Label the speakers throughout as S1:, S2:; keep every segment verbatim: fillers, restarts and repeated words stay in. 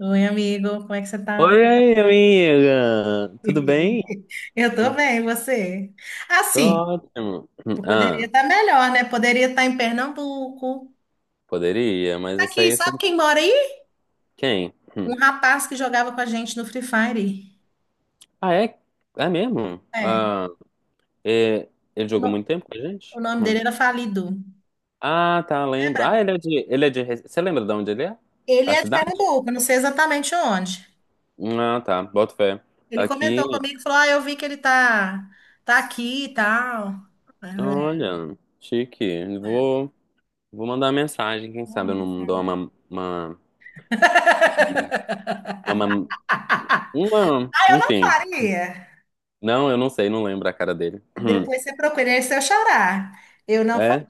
S1: Oi, amigo, como é que você tá?
S2: Oi, aí, amiga! Tudo bem?
S1: Eu tô bem, e você?
S2: Tô
S1: Assim,
S2: ótimo.
S1: eu poderia
S2: Ah,
S1: estar melhor, né? Poderia estar em Pernambuco.
S2: poderia, mas isso
S1: Aqui,
S2: aí são
S1: sabe quem mora aí?
S2: quem? Hum.
S1: Um rapaz que jogava com a gente no Free Fire.
S2: Ah, é? É mesmo?
S1: É,
S2: Ah, é- ele
S1: o,
S2: jogou
S1: no-
S2: muito tempo com a
S1: o
S2: gente?
S1: nome
S2: Hum.
S1: dele era Falido.
S2: Ah, tá, lembro.
S1: Lembra?
S2: Ah, ele é de, ele é de... Rece- Você lembra de onde ele é?
S1: Ele
S2: A
S1: é de
S2: cidade?
S1: Pernambuco, não sei exatamente onde.
S2: Hum. Ah, tá, boto fé.
S1: Ele
S2: Aqui,
S1: comentou comigo, falou: Ah, eu vi que ele tá, tá aqui e tal. É,
S2: olha, chique.
S1: é.
S2: Vou, vou mandar uma mensagem, quem
S1: Manda
S2: sabe eu não dou
S1: mensagem.
S2: uma, uma, uma, uma, uma-
S1: Ah, eu não
S2: enfim.
S1: faria.
S2: Não, eu não sei, não lembro a cara dele.
S1: Depois você procura, esse é o xará. Eu não falo,
S2: É,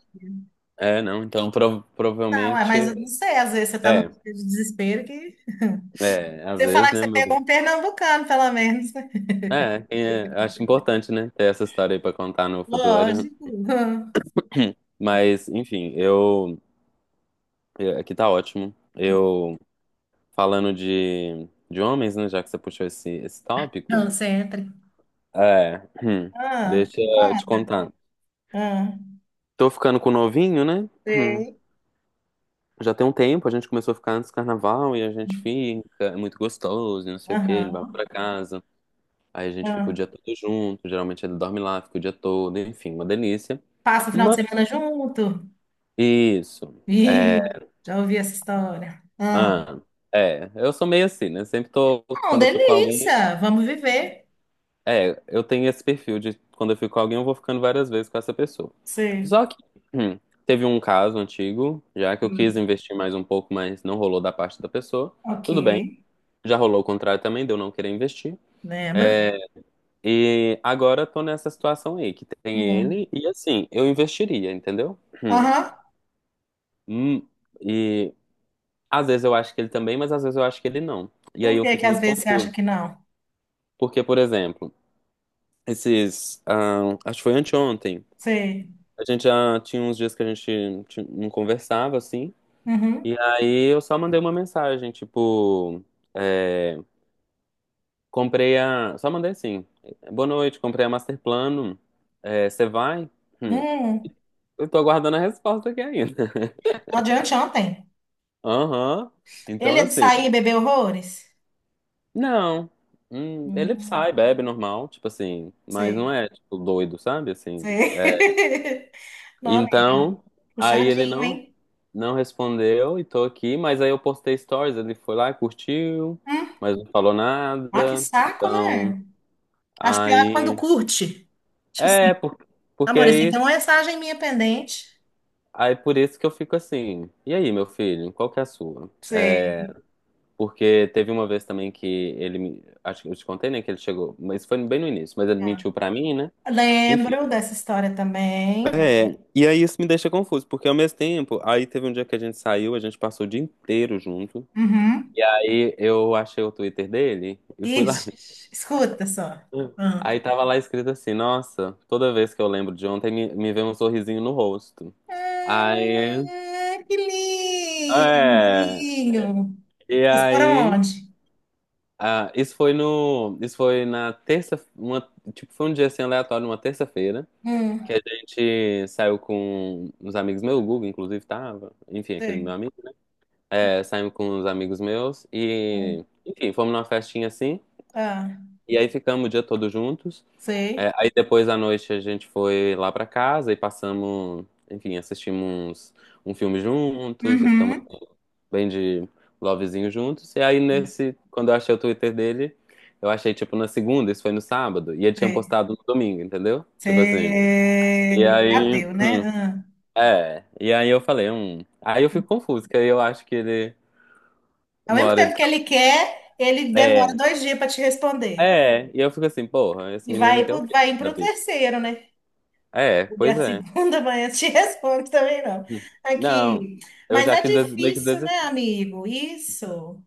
S2: é, não. Então, prov-
S1: não, é, mas eu não
S2: provavelmente.
S1: sei, às vezes você está num
S2: É,
S1: dia de desespero que
S2: é, às
S1: você
S2: vezes,
S1: falar que
S2: né,
S1: você
S2: meu
S1: pegou
S2: bem?
S1: um pernambucano, pelo menos.
S2: É, é, acho importante, né, ter essa história aí pra contar no futuro.
S1: Lógico.
S2: Mas, enfim, eu. eu- Aqui tá ótimo. Eu. Falando de, de homens, né, já que você puxou esse, esse tópico.
S1: Não, sempre.
S2: É,
S1: Ah,
S2: deixa
S1: me
S2: eu te
S1: conta.
S2: contar.
S1: Ah,
S2: Tô ficando com o novinho, né?
S1: sei.
S2: Já tem um tempo, a gente começou a ficar antes do carnaval e a gente fica, é muito gostoso, e não sei o que, ele vai
S1: Aham,
S2: pra casa. Aí a gente fica o
S1: ah.
S2: dia todo junto, geralmente ele dorme lá, fica o dia todo, enfim, uma delícia.
S1: Passa o final de
S2: Mas
S1: semana junto.
S2: isso. É.
S1: Ih, já ouvi essa história. Ah,
S2: Ah, é, eu sou meio assim, né? Sempre tô,
S1: não,
S2: quando eu fico com alguém,
S1: delícia. Vamos viver.
S2: é, eu tenho esse perfil de quando eu fico com alguém, eu vou ficando várias vezes com essa pessoa.
S1: Sei.
S2: Só que hum, teve um caso antigo, já que eu quis
S1: Hum,
S2: investir mais um pouco, mas não rolou da parte da pessoa.
S1: ok.
S2: Tudo bem, já rolou o contrário também, de eu não querer investir.
S1: Lembro.
S2: E agora eu tô nessa situação aí, que tem
S1: Hum.
S2: ele, e assim, eu investiria, entendeu? Hum.
S1: Aham.
S2: Hum, e às vezes eu acho que ele também, mas às vezes eu acho que ele não. E aí
S1: Por
S2: eu
S1: que que
S2: fico
S1: às
S2: muito
S1: vezes você acha
S2: confuso.
S1: que não?
S2: Porque, por exemplo, esses. Ah, acho que foi anteontem.
S1: Sei.
S2: A gente já tinha uns dias que a gente ti- não conversava, assim.
S1: Uhum.
S2: E aí eu só mandei uma mensagem, tipo. É, comprei a. Só mandei assim. Boa noite, comprei a Master Plano. É, você vai? Hum.
S1: Hum.
S2: Eu tô aguardando a resposta aqui ainda.
S1: No de anteontem.
S2: Aham. Então,
S1: Ele é de sair
S2: assim.
S1: e beber horrores?
S2: Não. Hum, ele sai,
S1: Hum.
S2: bebe normal, tipo assim, mas
S1: Sei.
S2: não é tipo doido, sabe? Assim,
S1: Sei.
S2: é.
S1: Não, né?
S2: Então, aí ele
S1: Puxadinho,
S2: não
S1: hein?
S2: não respondeu e tô aqui, mas aí eu postei stories, ele foi lá, curtiu,
S1: Hum.
S2: mas não falou
S1: Olha que
S2: nada.
S1: saco,
S2: Então,
S1: né? Acho pior é quando
S2: aí
S1: curte. Tipo assim,
S2: é por- porque
S1: amor, você
S2: aí
S1: tem uma mensagem minha pendente.
S2: aí por isso que eu fico assim. E aí, meu filho, qual que é a sua? É,
S1: Sei.
S2: porque teve uma vez também que ele me, acho que eu te contei, né, que ele chegou, mas foi bem no início, mas ele mentiu pra mim, né? Enfim,
S1: Lembro dessa história também.
S2: é, e aí isso me deixa confuso, porque ao mesmo tempo, aí teve um dia que a gente saiu, a gente passou o dia inteiro junto,
S1: Uhum.
S2: e aí eu achei o Twitter dele e fui lá.
S1: Ixi, escuta só. Ah,
S2: Aí tava lá escrito assim: Nossa, toda vez que eu lembro de ontem, me, me vem um sorrisinho no rosto. Aí,
S1: Ah, que
S2: é,
S1: lindinho.
S2: e
S1: Vocês foram
S2: aí,
S1: onde?
S2: ah, isso foi no, isso foi na terça, uma, tipo, foi um dia assim aleatório, uma terça-feira,
S1: Hum,
S2: que a gente saiu com uns amigos, meu, o Guga, inclusive, tava, enfim, aquele
S1: Sei.
S2: meu amigo. É, saímos com uns amigos meus e,
S1: hum,
S2: enfim, fomos numa festinha assim.
S1: ah,
S2: E aí ficamos o dia todo juntos. É,
S1: sei.
S2: aí depois da noite a gente foi lá pra casa e passamos, enfim, assistimos um filme juntos e ficamos
S1: Uhum.
S2: assim, bem de lovezinho juntos. E aí nesse, quando eu achei o Twitter dele, eu achei tipo na segunda, isso foi no sábado, e ele tinha
S1: Sei.
S2: postado no domingo, entendeu? Tipo assim. E
S1: Sei.
S2: aí,
S1: Ateu, né? Ah.
S2: é, e aí eu falei, hum. Aí eu fico confuso, que aí eu acho que ele,
S1: Ao
S2: uma
S1: mesmo
S2: hora ele
S1: tempo que
S2: tá.
S1: ele quer, ele demora
S2: É,
S1: dois dias para te responder.
S2: é, e eu fico assim, porra, esse
S1: E vai,
S2: menino quer o
S1: pro-
S2: quê
S1: vai indo para
S2: da
S1: o
S2: vida?
S1: terceiro, né?
S2: É,
S1: E
S2: pois
S1: a
S2: é.
S1: segunda manhã te responde também não.
S2: Hum. Não,
S1: Aqui.
S2: eu
S1: Mas
S2: já
S1: é
S2: que des- meio que
S1: difícil, né,
S2: desisti.
S1: amigo? Isso.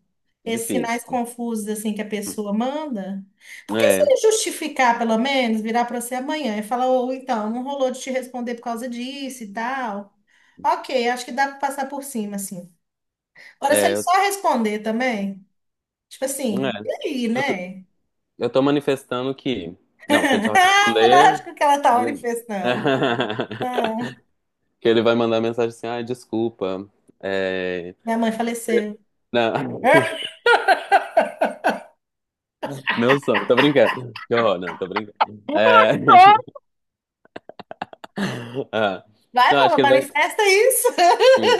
S1: Esses sinais
S2: Difícil.
S1: confusos assim que a pessoa manda. Porque se
S2: É,
S1: ele justificar, pelo menos, virar para você amanhã e falar, ou então, não rolou de te responder por causa disso e tal. Ok, acho que dá para passar por cima, assim. Agora, se
S2: é,
S1: ele
S2: eu,
S1: só responder também, tipo assim, e
S2: é,
S1: aí,
S2: eu, tô,
S1: né?
S2: eu tô manifestando que. Não, se ele só
S1: Ah,
S2: responder.
S1: Lógico que ela tá
S2: Né?
S1: manifestando. Ah,
S2: Que ele vai mandar mensagem assim: ai, desculpa. É,
S1: minha mãe faleceu.
S2: não, meu sonho, tô brincando. Que horror, não, tô brincando. É, ah,
S1: Vai,
S2: não,
S1: pô,
S2: acho que ele vai.
S1: manifesta isso.
S2: Hum.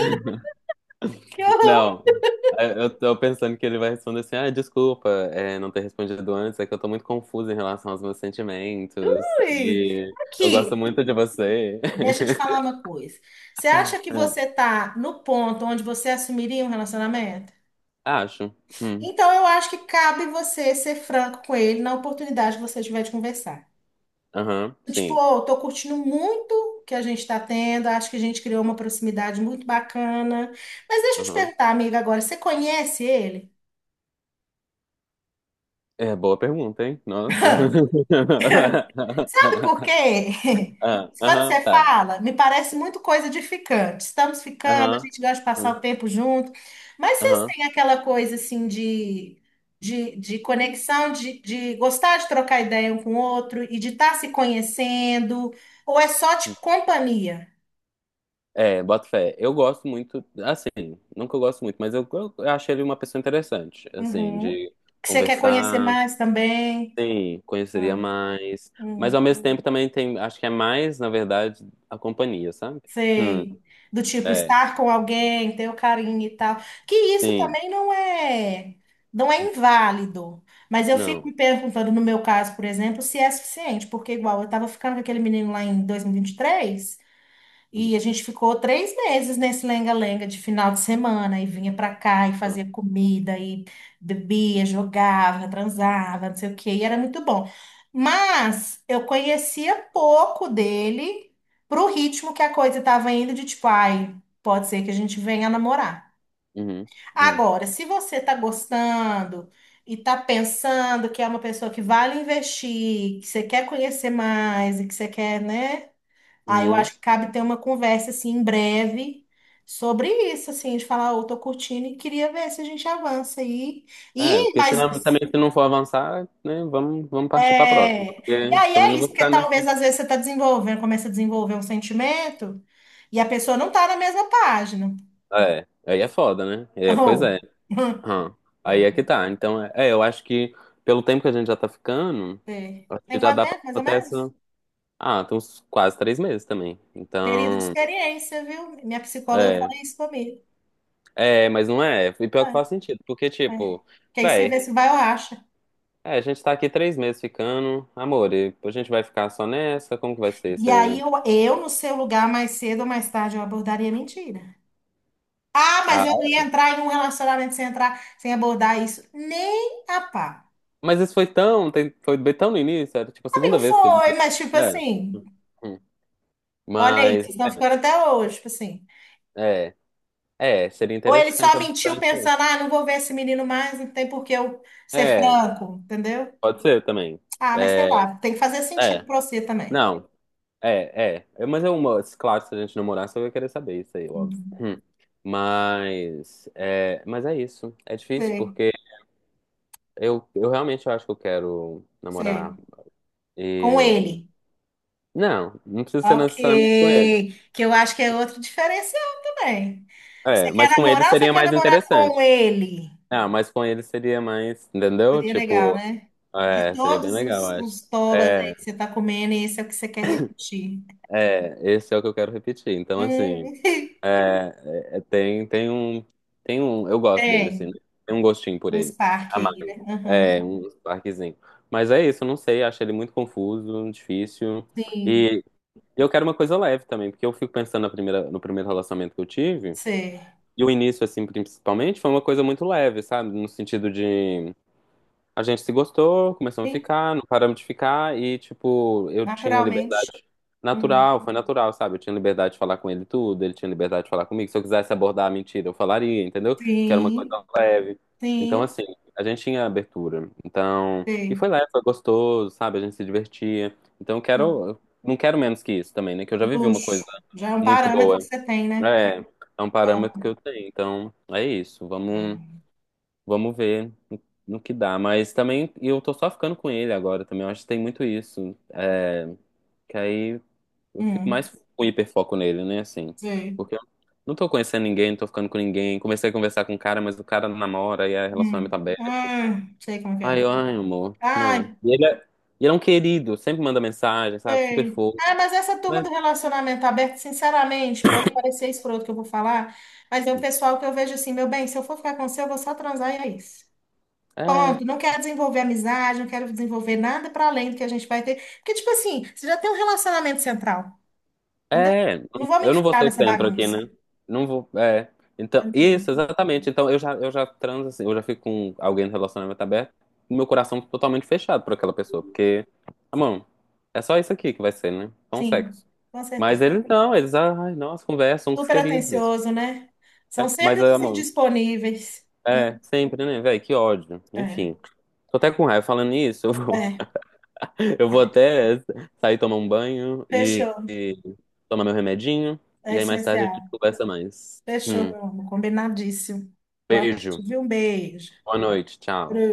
S1: Que horror,
S2: Não, é, eu tô pensando que ele vai responder assim: ah, desculpa, é, não ter respondido antes, é que eu tô muito confusa em relação aos meus sentimentos
S1: Luiz.
S2: e eu gosto
S1: Aqui,
S2: muito de você.
S1: deixa eu te falar uma coisa. Você acha que você
S2: É,
S1: tá no ponto onde você assumiria um relacionamento?
S2: acho. Hum.
S1: Então, eu acho que cabe você ser franco com ele na oportunidade que você tiver de conversar.
S2: Aham,
S1: Tipo,
S2: sim.
S1: oh, tô curtindo muito o que a gente tá tendo, acho que a gente criou uma proximidade muito bacana. Mas deixa eu te
S2: Aham.
S1: perguntar, amiga, agora, você conhece ele?
S2: É, boa pergunta, hein? Nossa.
S1: Sabe por quê?
S2: Ah,
S1: Quando
S2: aham,
S1: você
S2: tá.
S1: fala, me parece muito coisa de ficante. Estamos ficando, a
S2: Aham.
S1: gente gosta de passar
S2: Hum.
S1: o tempo junto. Mas vocês
S2: Aham.
S1: têm aquela coisa assim de, de, de conexão, de, de gostar de trocar ideia um com o outro e de estar se conhecendo? Ou é só de companhia?
S2: É, boto fé. Eu gosto muito, assim, nunca eu gosto muito, mas eu, eu, eu acho ele uma pessoa interessante, assim,
S1: Uhum.
S2: de
S1: Que você quer conhecer
S2: conversar.
S1: mais também?
S2: Sim, conheceria
S1: Ah,
S2: mais. Mas
S1: uhum.
S2: ao mesmo tempo também tem, acho que é mais, na verdade, a companhia, sabe? Hum,
S1: Sei. Do tipo,
S2: é,
S1: estar com alguém, ter o carinho e tal. Que isso
S2: sim,
S1: também não é, não é inválido. Mas eu fico
S2: não.
S1: me perguntando, no meu caso, por exemplo, se é suficiente, porque igual eu estava ficando com aquele menino lá em dois mil e e vinte e três e a gente ficou três meses nesse lenga-lenga de final de semana, e vinha pra cá e
S2: Uhum,
S1: fazia comida, e bebia, jogava, transava, não sei o quê, e era muito bom. Mas eu conhecia pouco dele pro ritmo que a coisa estava indo, de tipo, ai, pode ser que a gente venha namorar.
S2: uhum, uhum,
S1: Agora, se você tá gostando e tá pensando que é uma pessoa que vale investir, que você quer conhecer mais e que você quer, né? Aí eu
S2: uhum.
S1: acho que cabe ter uma conversa assim em breve sobre isso, assim, de falar, eu tô curtindo e queria ver se a gente avança aí.
S2: É,
S1: E,
S2: porque
S1: mas
S2: senão também se não for avançar, né, vamos, vamos partir pra próxima.
S1: é, e
S2: Porque
S1: aí
S2: também
S1: é
S2: não
S1: isso,
S2: vou
S1: porque
S2: ficar
S1: talvez
S2: nessa.
S1: às vezes você tá desenvolvendo, começa a desenvolver um sentimento e a pessoa não tá na mesma página.
S2: É, aí é foda, né? É,
S1: Ou,
S2: pois é. Hum, Aí é que tá. Então, é, é, eu acho que pelo tempo que a gente já tá ficando,
S1: é.
S2: acho
S1: Tem
S2: que já
S1: quanto
S2: dá pra
S1: tempo, mais ou
S2: ter
S1: menos?
S2: essa. Ah, tem uns quase três meses também.
S1: Período de
S2: Então,
S1: experiência, viu? Minha psicóloga fala
S2: é.
S1: isso comigo.
S2: É, mas não é. E pior que faz
S1: É,
S2: sentido, porque,
S1: é.
S2: tipo,
S1: Que aí você
S2: véi,
S1: vê se vai ou acha.
S2: é, a gente tá aqui três meses ficando, amor, e a gente vai ficar só nessa? Como que vai ser?
S1: E aí
S2: Você...
S1: eu, eu, no seu lugar, mais cedo ou mais tarde, eu abordaria a mentira. Ah, mas eu
S2: Ah,
S1: não ia entrar em um relacionamento sem entrar, sem abordar isso. Nem a pá.
S2: mas isso foi tão, tem- foi bem tão no início, era tipo a segunda
S1: Amigo,
S2: vez que a gente.
S1: foi, mas tipo
S2: É.
S1: assim,
S2: Hum.
S1: olha aí,
S2: Mas,
S1: vocês estão ficando até hoje, tipo assim.
S2: é, é, é, seria
S1: Ou ele
S2: interessante
S1: só mentiu
S2: abordar isso aí.
S1: pensando, ah, não vou ver esse menino mais, não tem por que eu ser
S2: É,
S1: franco, entendeu?
S2: pode ser também.
S1: Ah, mas sei
S2: É,
S1: lá, tem que fazer sentido
S2: é.
S1: pra você também.
S2: Não, é, é. É, mas é uma. Claro, se a gente namorasse, eu ia querer saber isso aí, óbvio.
S1: Uhum.
S2: Hum. Mas. É, mas é isso. É difícil
S1: Sei,
S2: porque eu, eu realmente acho que eu quero namorar.
S1: sei. Com
S2: E.
S1: ele.
S2: Não, não precisa ser
S1: Ok,
S2: necessariamente com ele.
S1: que eu acho que é outro diferencial também. Você
S2: É,
S1: quer
S2: mas com ele
S1: namorar ou você
S2: seria
S1: quer
S2: mais
S1: namorar com
S2: interessante.
S1: ele?
S2: Ah, mas com ele seria mais. Entendeu?
S1: Seria legal,
S2: Tipo.
S1: né? De
S2: É, seria bem
S1: todos
S2: legal,
S1: os,
S2: acho.
S1: os tobas aí
S2: É,
S1: que você tá comendo, esse é o que você quer repetir.
S2: é. Esse é o que eu quero repetir. Então, assim.
S1: Hum,
S2: É, é, tem, tem um, tem um, eu gosto dele, assim, né?
S1: tem
S2: Tem um gostinho por
S1: um
S2: ele,
S1: Spark aí,
S2: amargo,
S1: né? Uhum.
S2: é, um parquezinho. Mas é isso, eu não sei, acho ele muito confuso, difícil,
S1: Sim,
S2: e eu quero uma coisa leve também, porque eu fico pensando na primeira, no primeiro relacionamento que eu tive,
S1: sim,
S2: e o início, assim, principalmente, foi uma coisa muito leve, sabe, no sentido de a gente se gostou, começamos a
S1: sim,
S2: ficar, não paramos de ficar e, tipo, eu tinha
S1: naturalmente.
S2: liberdade
S1: Hum,
S2: natural, foi natural, sabe? Eu tinha liberdade de falar com ele tudo, ele tinha liberdade de falar comigo. Se eu quisesse abordar a mentira, eu falaria, entendeu? Porque era uma coisa
S1: Sim,
S2: leve. Então,
S1: sim,
S2: assim, a gente tinha abertura. Então, e foi
S1: sim.
S2: leve, foi gostoso, sabe? A gente se divertia. Então, eu quero, eu não quero menos que isso também, né? Que eu já vivi uma
S1: Luxo.
S2: coisa
S1: Já é um
S2: muito
S1: parâmetro que
S2: boa.
S1: você tem, né?
S2: É, é um parâmetro que eu tenho. Então, é isso. Vamos.
S1: É.
S2: Vamos ver no no que dá. Mas também eu tô só ficando com ele agora também. Eu acho que tem muito isso. É, que aí eu fico
S1: Hum,
S2: mais com hiperfoco nele, né? Assim.
S1: sei.
S2: Porque eu não tô conhecendo ninguém, não tô ficando com ninguém. Comecei a conversar com um cara, mas o cara namora e é relacionamento tá
S1: Hum.
S2: aberto.
S1: Ah, sei como que
S2: Ai,
S1: é.
S2: eu, ai, amor. Não.
S1: Ai,
S2: E ele é, e ele é um querido, sempre manda mensagem, sabe? Super
S1: sei.
S2: fofo.
S1: Ah, mas essa turma
S2: Mas
S1: do relacionamento aberto, sinceramente, pode parecer escroto que eu vou falar, mas é o pessoal que eu vejo assim, meu bem, se eu for ficar com você, eu vou só transar e é isso.
S2: é.
S1: Ponto. Não quero desenvolver amizade, não quero desenvolver nada para além do que a gente vai ter. Porque, tipo assim, você já tem um relacionamento central, entendeu?
S2: É,
S1: Não vou me
S2: eu não vou
S1: enfiar
S2: ser o
S1: nessa
S2: centro aqui,
S1: bagunça,
S2: né? Não vou, é. Então,
S1: entendeu?
S2: isso, exatamente. Então, eu já, eu já transo assim, eu já fico com alguém no relacionamento aberto, com meu coração totalmente fechado por aquela pessoa, porque, ah, mano, é só isso aqui que vai ser, né? Só um
S1: Sim,
S2: sexo.
S1: com
S2: Mas
S1: certeza.
S2: eles não, eles, ai, nossa, conversam com os
S1: Super
S2: queridos.
S1: atencioso, né? São
S2: Né?
S1: sempre
S2: Mas, ah,
S1: os
S2: mano,
S1: indisponíveis.
S2: é,
S1: Hum,
S2: sempre, né, velho, que ódio.
S1: É,
S2: Enfim, tô até com raiva falando isso, eu vou,
S1: é.
S2: eu vou até sair tomar um banho e
S1: Fechou.
S2: tomar meu remedinho
S1: É
S2: e aí mais tarde a
S1: essencial.
S2: gente conversa mais.
S1: Fechou,
S2: Hum,
S1: meu amor. Combinadíssimo. Boa noite,
S2: beijo,
S1: viu? Um beijo.
S2: boa noite, tchau.
S1: Beijo.